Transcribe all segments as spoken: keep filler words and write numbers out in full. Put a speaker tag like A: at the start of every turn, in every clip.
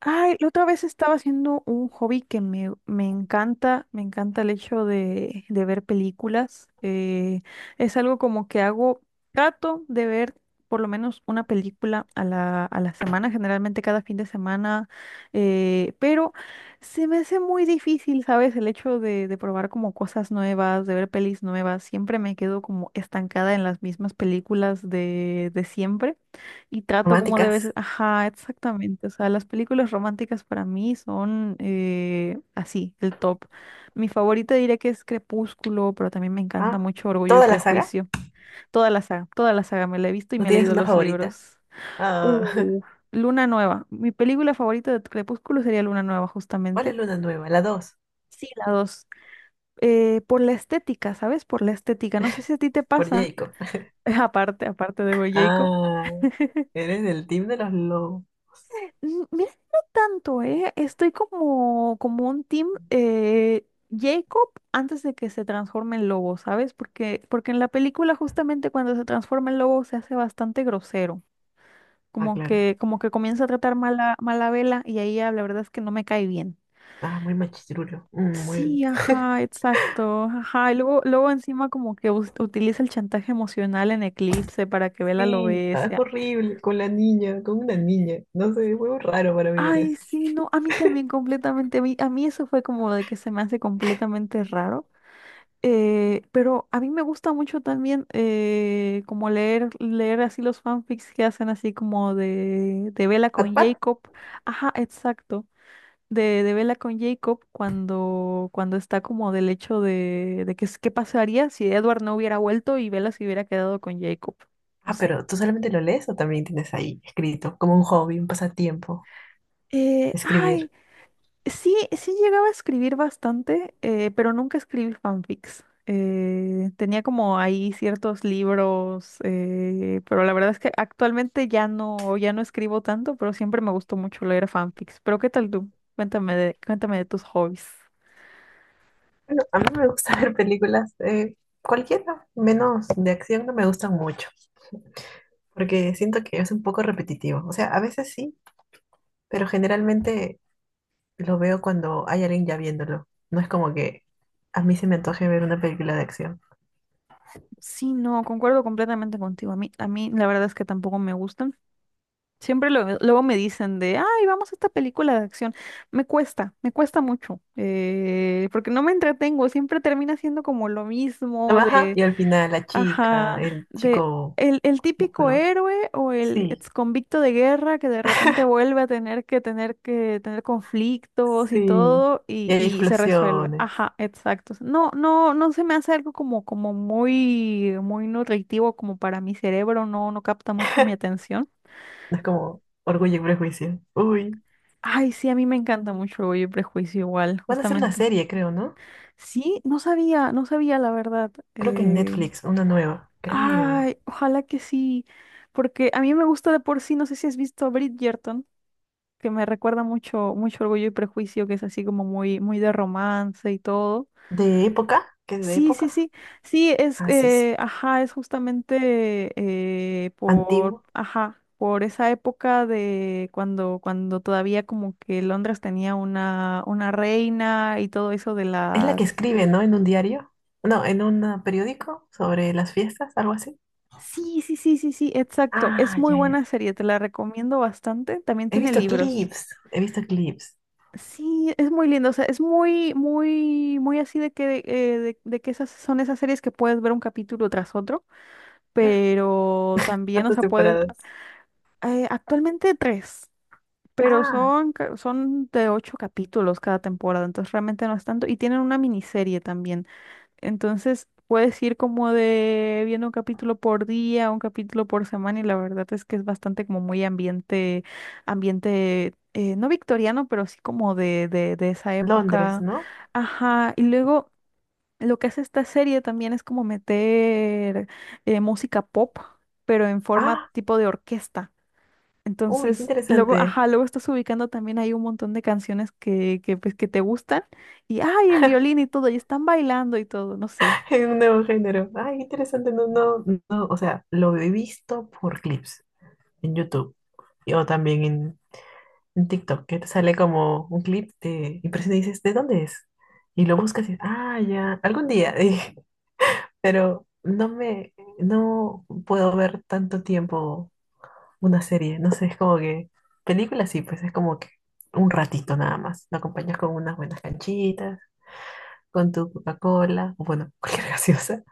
A: Ay, la otra vez estaba haciendo un hobby que me, me encanta, me encanta el hecho de, de ver películas. Eh, es algo como que hago, trato de ver por lo menos una película a la, a la semana, generalmente cada fin de semana, eh, pero se me hace muy difícil, ¿sabes? El hecho de, de probar como cosas nuevas, de ver pelis nuevas, siempre me quedo como estancada en las mismas películas de, de siempre. Y trato como debe ser.
B: Románticas.
A: Ajá, exactamente. O sea, las películas románticas para mí son eh, así, el top. Mi favorita diré que es Crepúsculo, pero también me encanta
B: Ah,
A: mucho Orgullo y
B: toda la saga.
A: Prejuicio. Toda la saga, toda la saga me la he visto y
B: ¿No
A: me he
B: tienes
A: leído
B: una
A: los
B: favorita?
A: libros.
B: Ah,
A: Uh, Luna Nueva. Mi película favorita de Crepúsculo sería Luna Nueva,
B: ¿cuál es
A: justamente.
B: Luna Nueva? La dos,
A: Sí, la dos. Eh, por la estética, ¿sabes? Por la estética. No sé si a ti te
B: por
A: pasa,
B: Jacob.
A: aparte, aparte de Boy Jacob.
B: Ah, eres del team de los lobos.
A: Mm, mira, no tanto, ¿eh? Estoy como, como un team eh, Jacob antes de que se transforme en lobo, ¿sabes? Porque, porque en la película justamente cuando se transforma en lobo se hace bastante grosero,
B: Ah,
A: como
B: claro.
A: que, como que comienza a tratar mala, mala vela y ahí ya la verdad es que no me cae bien.
B: Ah, muy machirulo. Mm, muy...
A: Sí, ajá, exacto, ajá. Y luego, luego encima como que us- utiliza el chantaje emocional en Eclipse para que Vela lo
B: Sí, ah, es
A: bese.
B: horrible. Con la niña, con una niña. No sé, es muy raro para mí ver
A: Ay,
B: eso.
A: sí, no, a mí también completamente, a mí, a mí eso fue como de que se me hace completamente raro, eh, pero a mí me gusta mucho también eh, como leer, leer así los fanfics que hacen así como de, de Bella con
B: ¿Wattpad?
A: Jacob, ajá, exacto, de, de Bella con Jacob cuando, cuando está como del hecho de, de que es- qué pasaría si Edward no hubiera vuelto y Bella se hubiera quedado con Jacob, no
B: Ah,
A: sé.
B: pero ¿tú solamente lo lees o también tienes ahí escrito? Como un hobby, un pasatiempo,
A: Eh, ay.
B: escribir.
A: Sí, sí llegaba a escribir bastante, eh, pero nunca escribí fanfics. Eh, tenía como ahí ciertos libros, eh, pero la verdad es que actualmente ya no, ya no escribo tanto, pero siempre me gustó mucho leer fanfics. Pero ¿qué tal tú? Cuéntame de, cuéntame de tus hobbies.
B: Bueno, a mí me gusta ver películas, eh, cualquiera, menos de acción, no me gustan mucho. Porque siento que es un poco repetitivo. O sea, a veces sí, pero generalmente lo veo cuando hay alguien ya viéndolo. No es como que a mí se me antoje ver una película de acción.
A: Sí, no, concuerdo completamente contigo. A mí, a mí la verdad es que tampoco me gustan. Siempre lo- luego me dicen de, ay, vamos a esta película de acción. Me cuesta, me cuesta mucho, eh, porque no me entretengo, siempre termina siendo como lo
B: La
A: mismo
B: baja
A: de,
B: y al final la chica,
A: ajá,
B: el
A: de
B: chico
A: el, el típico
B: musculoso.
A: héroe o el
B: Sí,
A: ex convicto de guerra que de repente vuelve a tener que tener que tener conflictos y
B: sí.
A: todo
B: Y
A: y,
B: hay
A: y se resuelve.
B: explosiones.
A: Ajá, exacto. No, no, no se me hace algo como, como muy, muy nutritivo como para mi cerebro, no, no capta mucho mi atención.
B: No es como Orgullo y Prejuicio. Uy.
A: Ay, sí, a mí me encanta mucho Orgullo y Prejuicio igual,
B: Van a hacer una
A: justamente.
B: serie, creo, ¿no?
A: Sí, no sabía, no sabía la verdad.
B: Creo que en
A: Eh,
B: Netflix, una nueva. Creo.
A: Ay, ojalá que sí, porque a mí me gusta de por sí, no sé si has visto Bridgerton, que me recuerda mucho, mucho Orgullo y Prejuicio, que es así como muy, muy de romance y todo.
B: ¿De época? ¿Qué es de
A: Sí, sí,
B: época?
A: sí, sí, es,
B: Ah, sí, sí.
A: eh, ajá, es justamente eh, por,
B: Antigua.
A: ajá, por esa época de cuando, cuando todavía como que Londres tenía una, una reina y todo eso de
B: Es la que
A: las...
B: escribe, ¿no? En un diario. No, en un eh, periódico sobre las fiestas, algo así.
A: Sí, sí, sí, sí, sí, exacto, es
B: Ah,
A: muy
B: ya, ya.
A: buena serie, te la recomiendo bastante, también
B: He
A: tiene
B: visto
A: libros.
B: clips. He visto clips.
A: Sí, es muy lindo, o sea, es muy, muy, muy así de que, eh, de, de que esas son esas series que puedes ver un capítulo tras otro, pero también, o
B: ¿Cuántas
A: sea, puedes
B: temporadas?
A: Eh, actualmente tres, pero
B: Ah,
A: son, ca- son de ocho capítulos cada temporada, entonces realmente no es tanto. Y tienen una miniserie también. Entonces puedes ir como de viendo un capítulo por día, un capítulo por semana, y la verdad es que es bastante como muy ambiente, ambiente, eh, no victoriano, pero sí como de, de, de esa
B: Londres,
A: época.
B: ¿no?
A: Ajá. Y luego lo que hace esta serie también es como meter eh, música pop, pero en forma
B: Ah,
A: tipo de orquesta.
B: uy, qué
A: Entonces, luego,
B: interesante.
A: ajá, luego estás ubicando también hay un montón de canciones que, que, pues, que te gustan y, ay, en violín y todo, y están bailando y todo, no sé.
B: En un nuevo género. Ay, qué interesante. No, no, no. O sea, lo he visto por clips en YouTube. Y- o también en, en TikTok, que te sale como un clip de impresión y dices, ¿de dónde es? Y lo buscas y, ah, ya, algún día. Pero no me, no puedo ver tanto tiempo una serie, no sé, es como que, películas sí, pues es como que un ratito nada más, lo acompañas con unas buenas canchitas, con tu Coca-Cola, o bueno, cualquier gaseosa,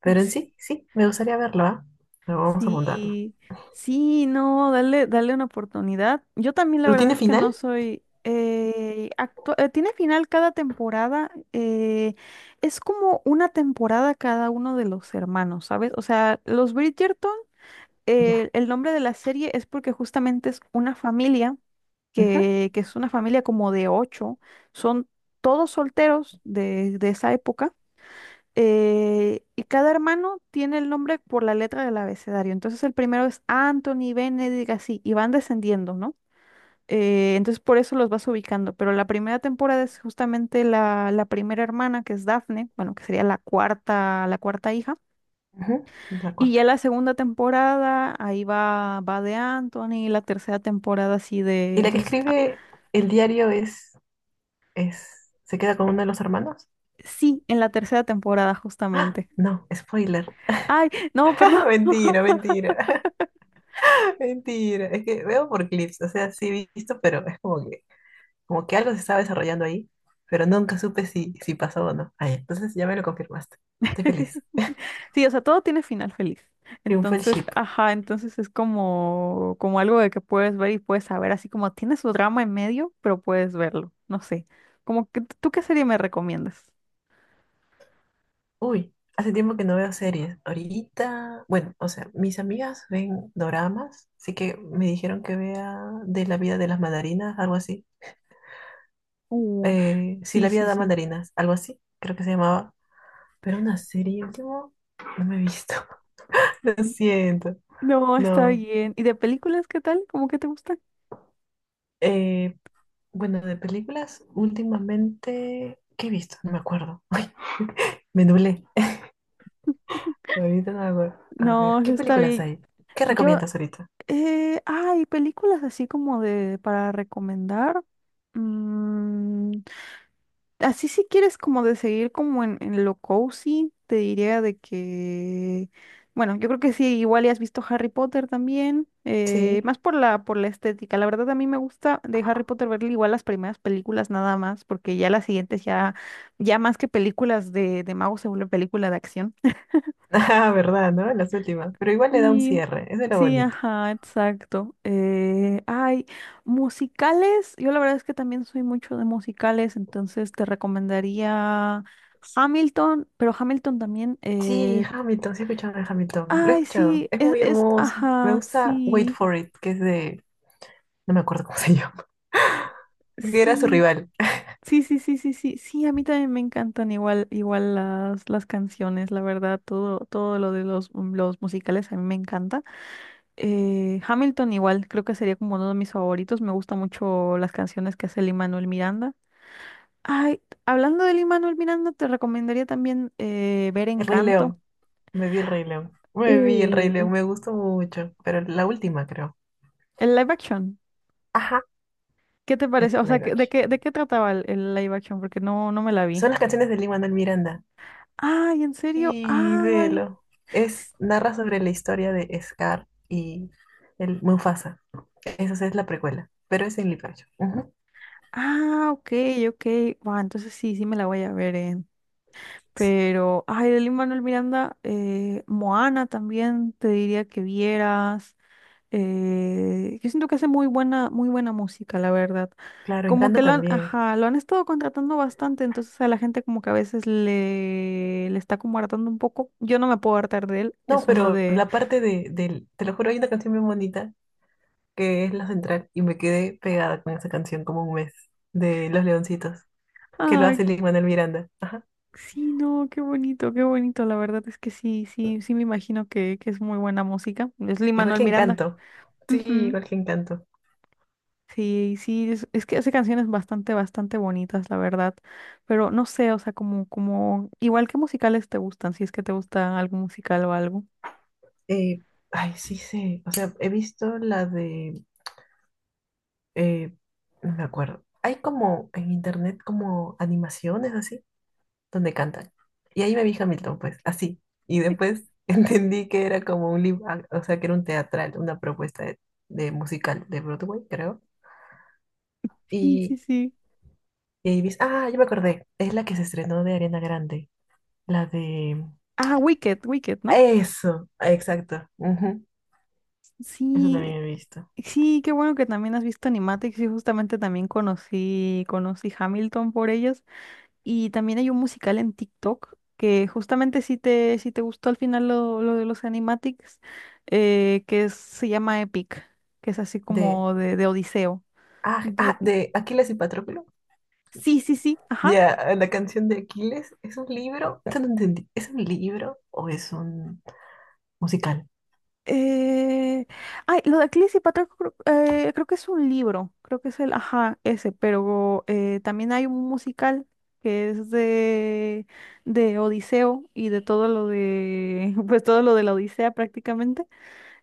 B: pero en
A: S-
B: sí, sí, me gustaría verlo, ¿ah? Pero vamos a apuntarlo.
A: Sí, sí, no, dale, dale una oportunidad. Yo también la
B: ¿Pero
A: verdad
B: tiene
A: es que no
B: final?
A: soy... eh, actu- eh, tiene final cada temporada. Eh, es como una temporada cada uno de los hermanos, ¿sabes? O sea, los Bridgerton.
B: Ya.
A: Eh, el nombre de la serie es porque justamente es una familia
B: Ujú,
A: que, que es una familia como de ocho, son todos solteros de, de esa época, eh, y cada hermano tiene el nombre por la letra del abecedario. Entonces el primero es Anthony, Benedict, así, y van descendiendo, ¿no? Eh, entonces por eso los vas ubicando, pero la primera temporada es justamente la, la primera hermana, que es Daphne, bueno, que sería la cuarta, la cuarta hija
B: ujú, la
A: y ya
B: cuarta.
A: la segunda temporada, ahí va, va de Anthony, la tercera temporada así de...
B: ¿Y la que
A: Entonces, ah,
B: escribe el diario es, es, se queda con uno de los hermanos?
A: sí, en la tercera temporada
B: Ah,
A: justamente.
B: no, spoiler.
A: Ay, no, perdón.
B: Mentira, mentira. Mentira, es que veo por clips, o sea, sí he visto, pero es como que, como que algo se estaba desarrollando ahí, pero nunca supe si, si pasó o no. Ay, entonces ya me lo confirmaste. Estoy feliz.
A: Sí, o sea, todo tiene final feliz.
B: Triunfó el
A: Entonces,
B: ship.
A: ajá, entonces es como, como algo de que puedes ver y puedes saber, así como tiene su drama en medio, pero puedes verlo. No sé. Como que, ¿tú qué serie me recomiendas?
B: Uy, hace tiempo que no veo series. Ahorita, bueno, o sea, mis amigas ven doramas, así que me dijeron que vea de la vida de las mandarinas, algo así.
A: Uh,
B: Eh, sí,
A: sí,
B: la vida
A: sí,
B: de las
A: sí.
B: mandarinas, algo así, creo que se llamaba. Pero una serie último, no me he visto. Lo siento.
A: No, está
B: No.
A: bien. ¿Y de películas qué tal? ¿Cómo que te gusta?
B: Eh, bueno, de películas, últimamente, ¿qué he visto? No me acuerdo. Ay, me nublé. Ahorita no me acuerdo. A
A: No,
B: ver, ¿qué
A: está
B: películas
A: bien.
B: hay? ¿Qué
A: Yo
B: recomiendas ahorita?
A: Eh, hay películas así como de para recomendar. Mm, Así si quieres como de seguir como en, en lo cozy, te diría de que, bueno, yo creo que sí, igual ya has visto Harry Potter también, eh,
B: Sí.
A: más por la, por la estética. La verdad a mí me gusta de Harry Potter ver igual las primeras películas nada más, porque ya las siguientes ya, ya más que películas de, de magos se vuelve película de acción.
B: Ah, verdad, ¿no? Las últimas. Pero igual le da un
A: Sí,
B: cierre. Eso es lo
A: sí,
B: bonito.
A: ajá, exacto. Eh, ay, musicales, yo la verdad es que también soy mucho de musicales, entonces te recomendaría Hamilton, pero Hamilton también,
B: Sí,
A: eh,
B: Hamilton, sí he escuchado de Hamilton. Lo he
A: ay,
B: escuchado.
A: sí,
B: Es
A: es,
B: muy
A: es,
B: hermoso. Me
A: ajá,
B: gusta Wait
A: sí,
B: for It, que es de... No me acuerdo cómo se llama. Que era su
A: sí,
B: rival.
A: sí, sí, sí, sí, sí, sí, a mí también me encantan igual, igual las, las canciones, la verdad, todo, todo lo de los, los musicales a mí me encanta. Eh, Hamilton igual, creo que sería como uno de mis favoritos. Me gustan mucho las canciones que hace Lin-Manuel Miranda. Ay, hablando de Lin-Manuel Miranda, te recomendaría también eh, ver
B: El Rey
A: Encanto.
B: León. Me vi el Rey León. Me vi el Rey León.
A: Uh,
B: Me gustó mucho. Pero la última, creo.
A: el live action.
B: Ajá.
A: ¿Qué te
B: El
A: parece? O sea,
B: live
A: ¿qué- ¿de
B: action.
A: qué, de qué trataba el, el live action? Porque no, no me la vi.
B: Son las canciones de Lin-Manuel Miranda.
A: Ay, ¿en serio?
B: Y
A: Ay.
B: velo. Es,
A: S-
B: narra sobre la historia de Scar y el Mufasa. Esa es la precuela, pero es en live action. Ujú.
A: Ah, ok, ok. Buah, entonces sí, sí me la voy a ver. eh.
B: Sí,
A: Pero, ay, de Lin-Manuel Miranda, eh, Moana también te diría que vieras. Eh, yo siento que hace muy buena, muy buena música, la verdad.
B: claro,
A: Como
B: Encanto
A: que lo han,
B: también.
A: ajá, lo han estado contratando bastante, entonces a la gente como que a veces le, le está como hartando un poco. Yo no me puedo hartar de él,
B: No,
A: es uno
B: pero
A: de,
B: la parte de, del, te lo juro, hay una canción muy bonita que es la central y me quedé pegada con esa canción como un mes de Los Leoncitos, que lo
A: ay,
B: hace Lin-Manuel Miranda. Ajá.
A: sí, no, qué bonito, qué bonito, la verdad es que sí, sí, sí me imagino que, que es muy buena música. Es
B: Igual
A: Lin-Manuel
B: que
A: Miranda.
B: Encanto. Sí, igual que Encanto.
A: Sí, sí, es, es que hace canciones bastante, bastante bonitas, la verdad. Pero no sé, o sea, como, como, igual que musicales te gustan, si es que te gusta algún musical o algo.
B: Eh, ay, sí sé. O sea, he visto la de... Eh, no me acuerdo. Hay como en internet como animaciones así, donde cantan. Y ahí me vi Hamilton, pues, así. Y después entendí que era como un live, ac- o sea, que era un teatral, una propuesta de, de musical de Broadway, creo.
A: Sí, sí,
B: Y,
A: sí.
B: y ahí vi, ah, yo me acordé, es la que se estrenó de Arena Grande, la de...
A: Ah, Wicked, Wicked, ¿no?
B: Eso, exacto. Ujú, eso también
A: Sí,
B: he visto.
A: sí, qué bueno que también has visto Animatics y justamente también conocí, conocí Hamilton por ellas. Y también hay un musical en TikTok que justamente si te, si te gustó al final lo, lo de los Animatics, eh, que es- se llama Epic, que es así
B: De,
A: como de, de Odiseo.
B: ah, ah,
A: De-
B: de Aquiles y Patroclo.
A: Sí, sí, sí, ajá.
B: Ya, la canción de Aquiles, ¿es un libro? Eso no entendí. ¿Es un libro o es un musical?
A: Eh, Ay, lo de Cleese y Patroclus creo, eh, creo que es un libro, creo que es el, ajá, ese, pero eh, también hay un musical que es de, de Odiseo y de todo lo de, pues todo lo de la Odisea prácticamente,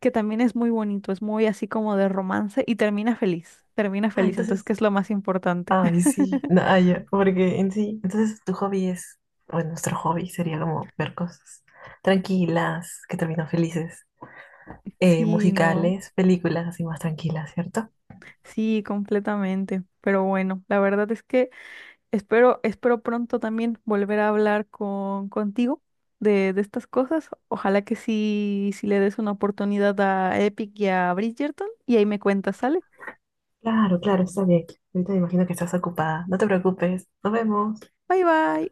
A: que también es muy bonito, es muy así como de romance y termina feliz, termina
B: Ah,
A: feliz, entonces, ¿qué
B: entonces,
A: es lo más importante?
B: ay, sí, no, ah, ya, porque en sí, entonces tu hobby es, bueno, nuestro hobby sería como ver cosas tranquilas, que terminan felices, eh,
A: Sí, no,
B: musicales, películas así más tranquilas, ¿cierto?
A: sí, completamente, pero bueno, la verdad es que... Espero, espero pronto también volver a hablar con, contigo de, de estas cosas. Ojalá que sí, sí le des una oportunidad a Epic y a Bridgerton y ahí me cuentas, ¿sale?
B: Claro, claro, está bien. Ahorita me imagino que estás ocupada. No te preocupes, nos vemos.
A: Bye bye.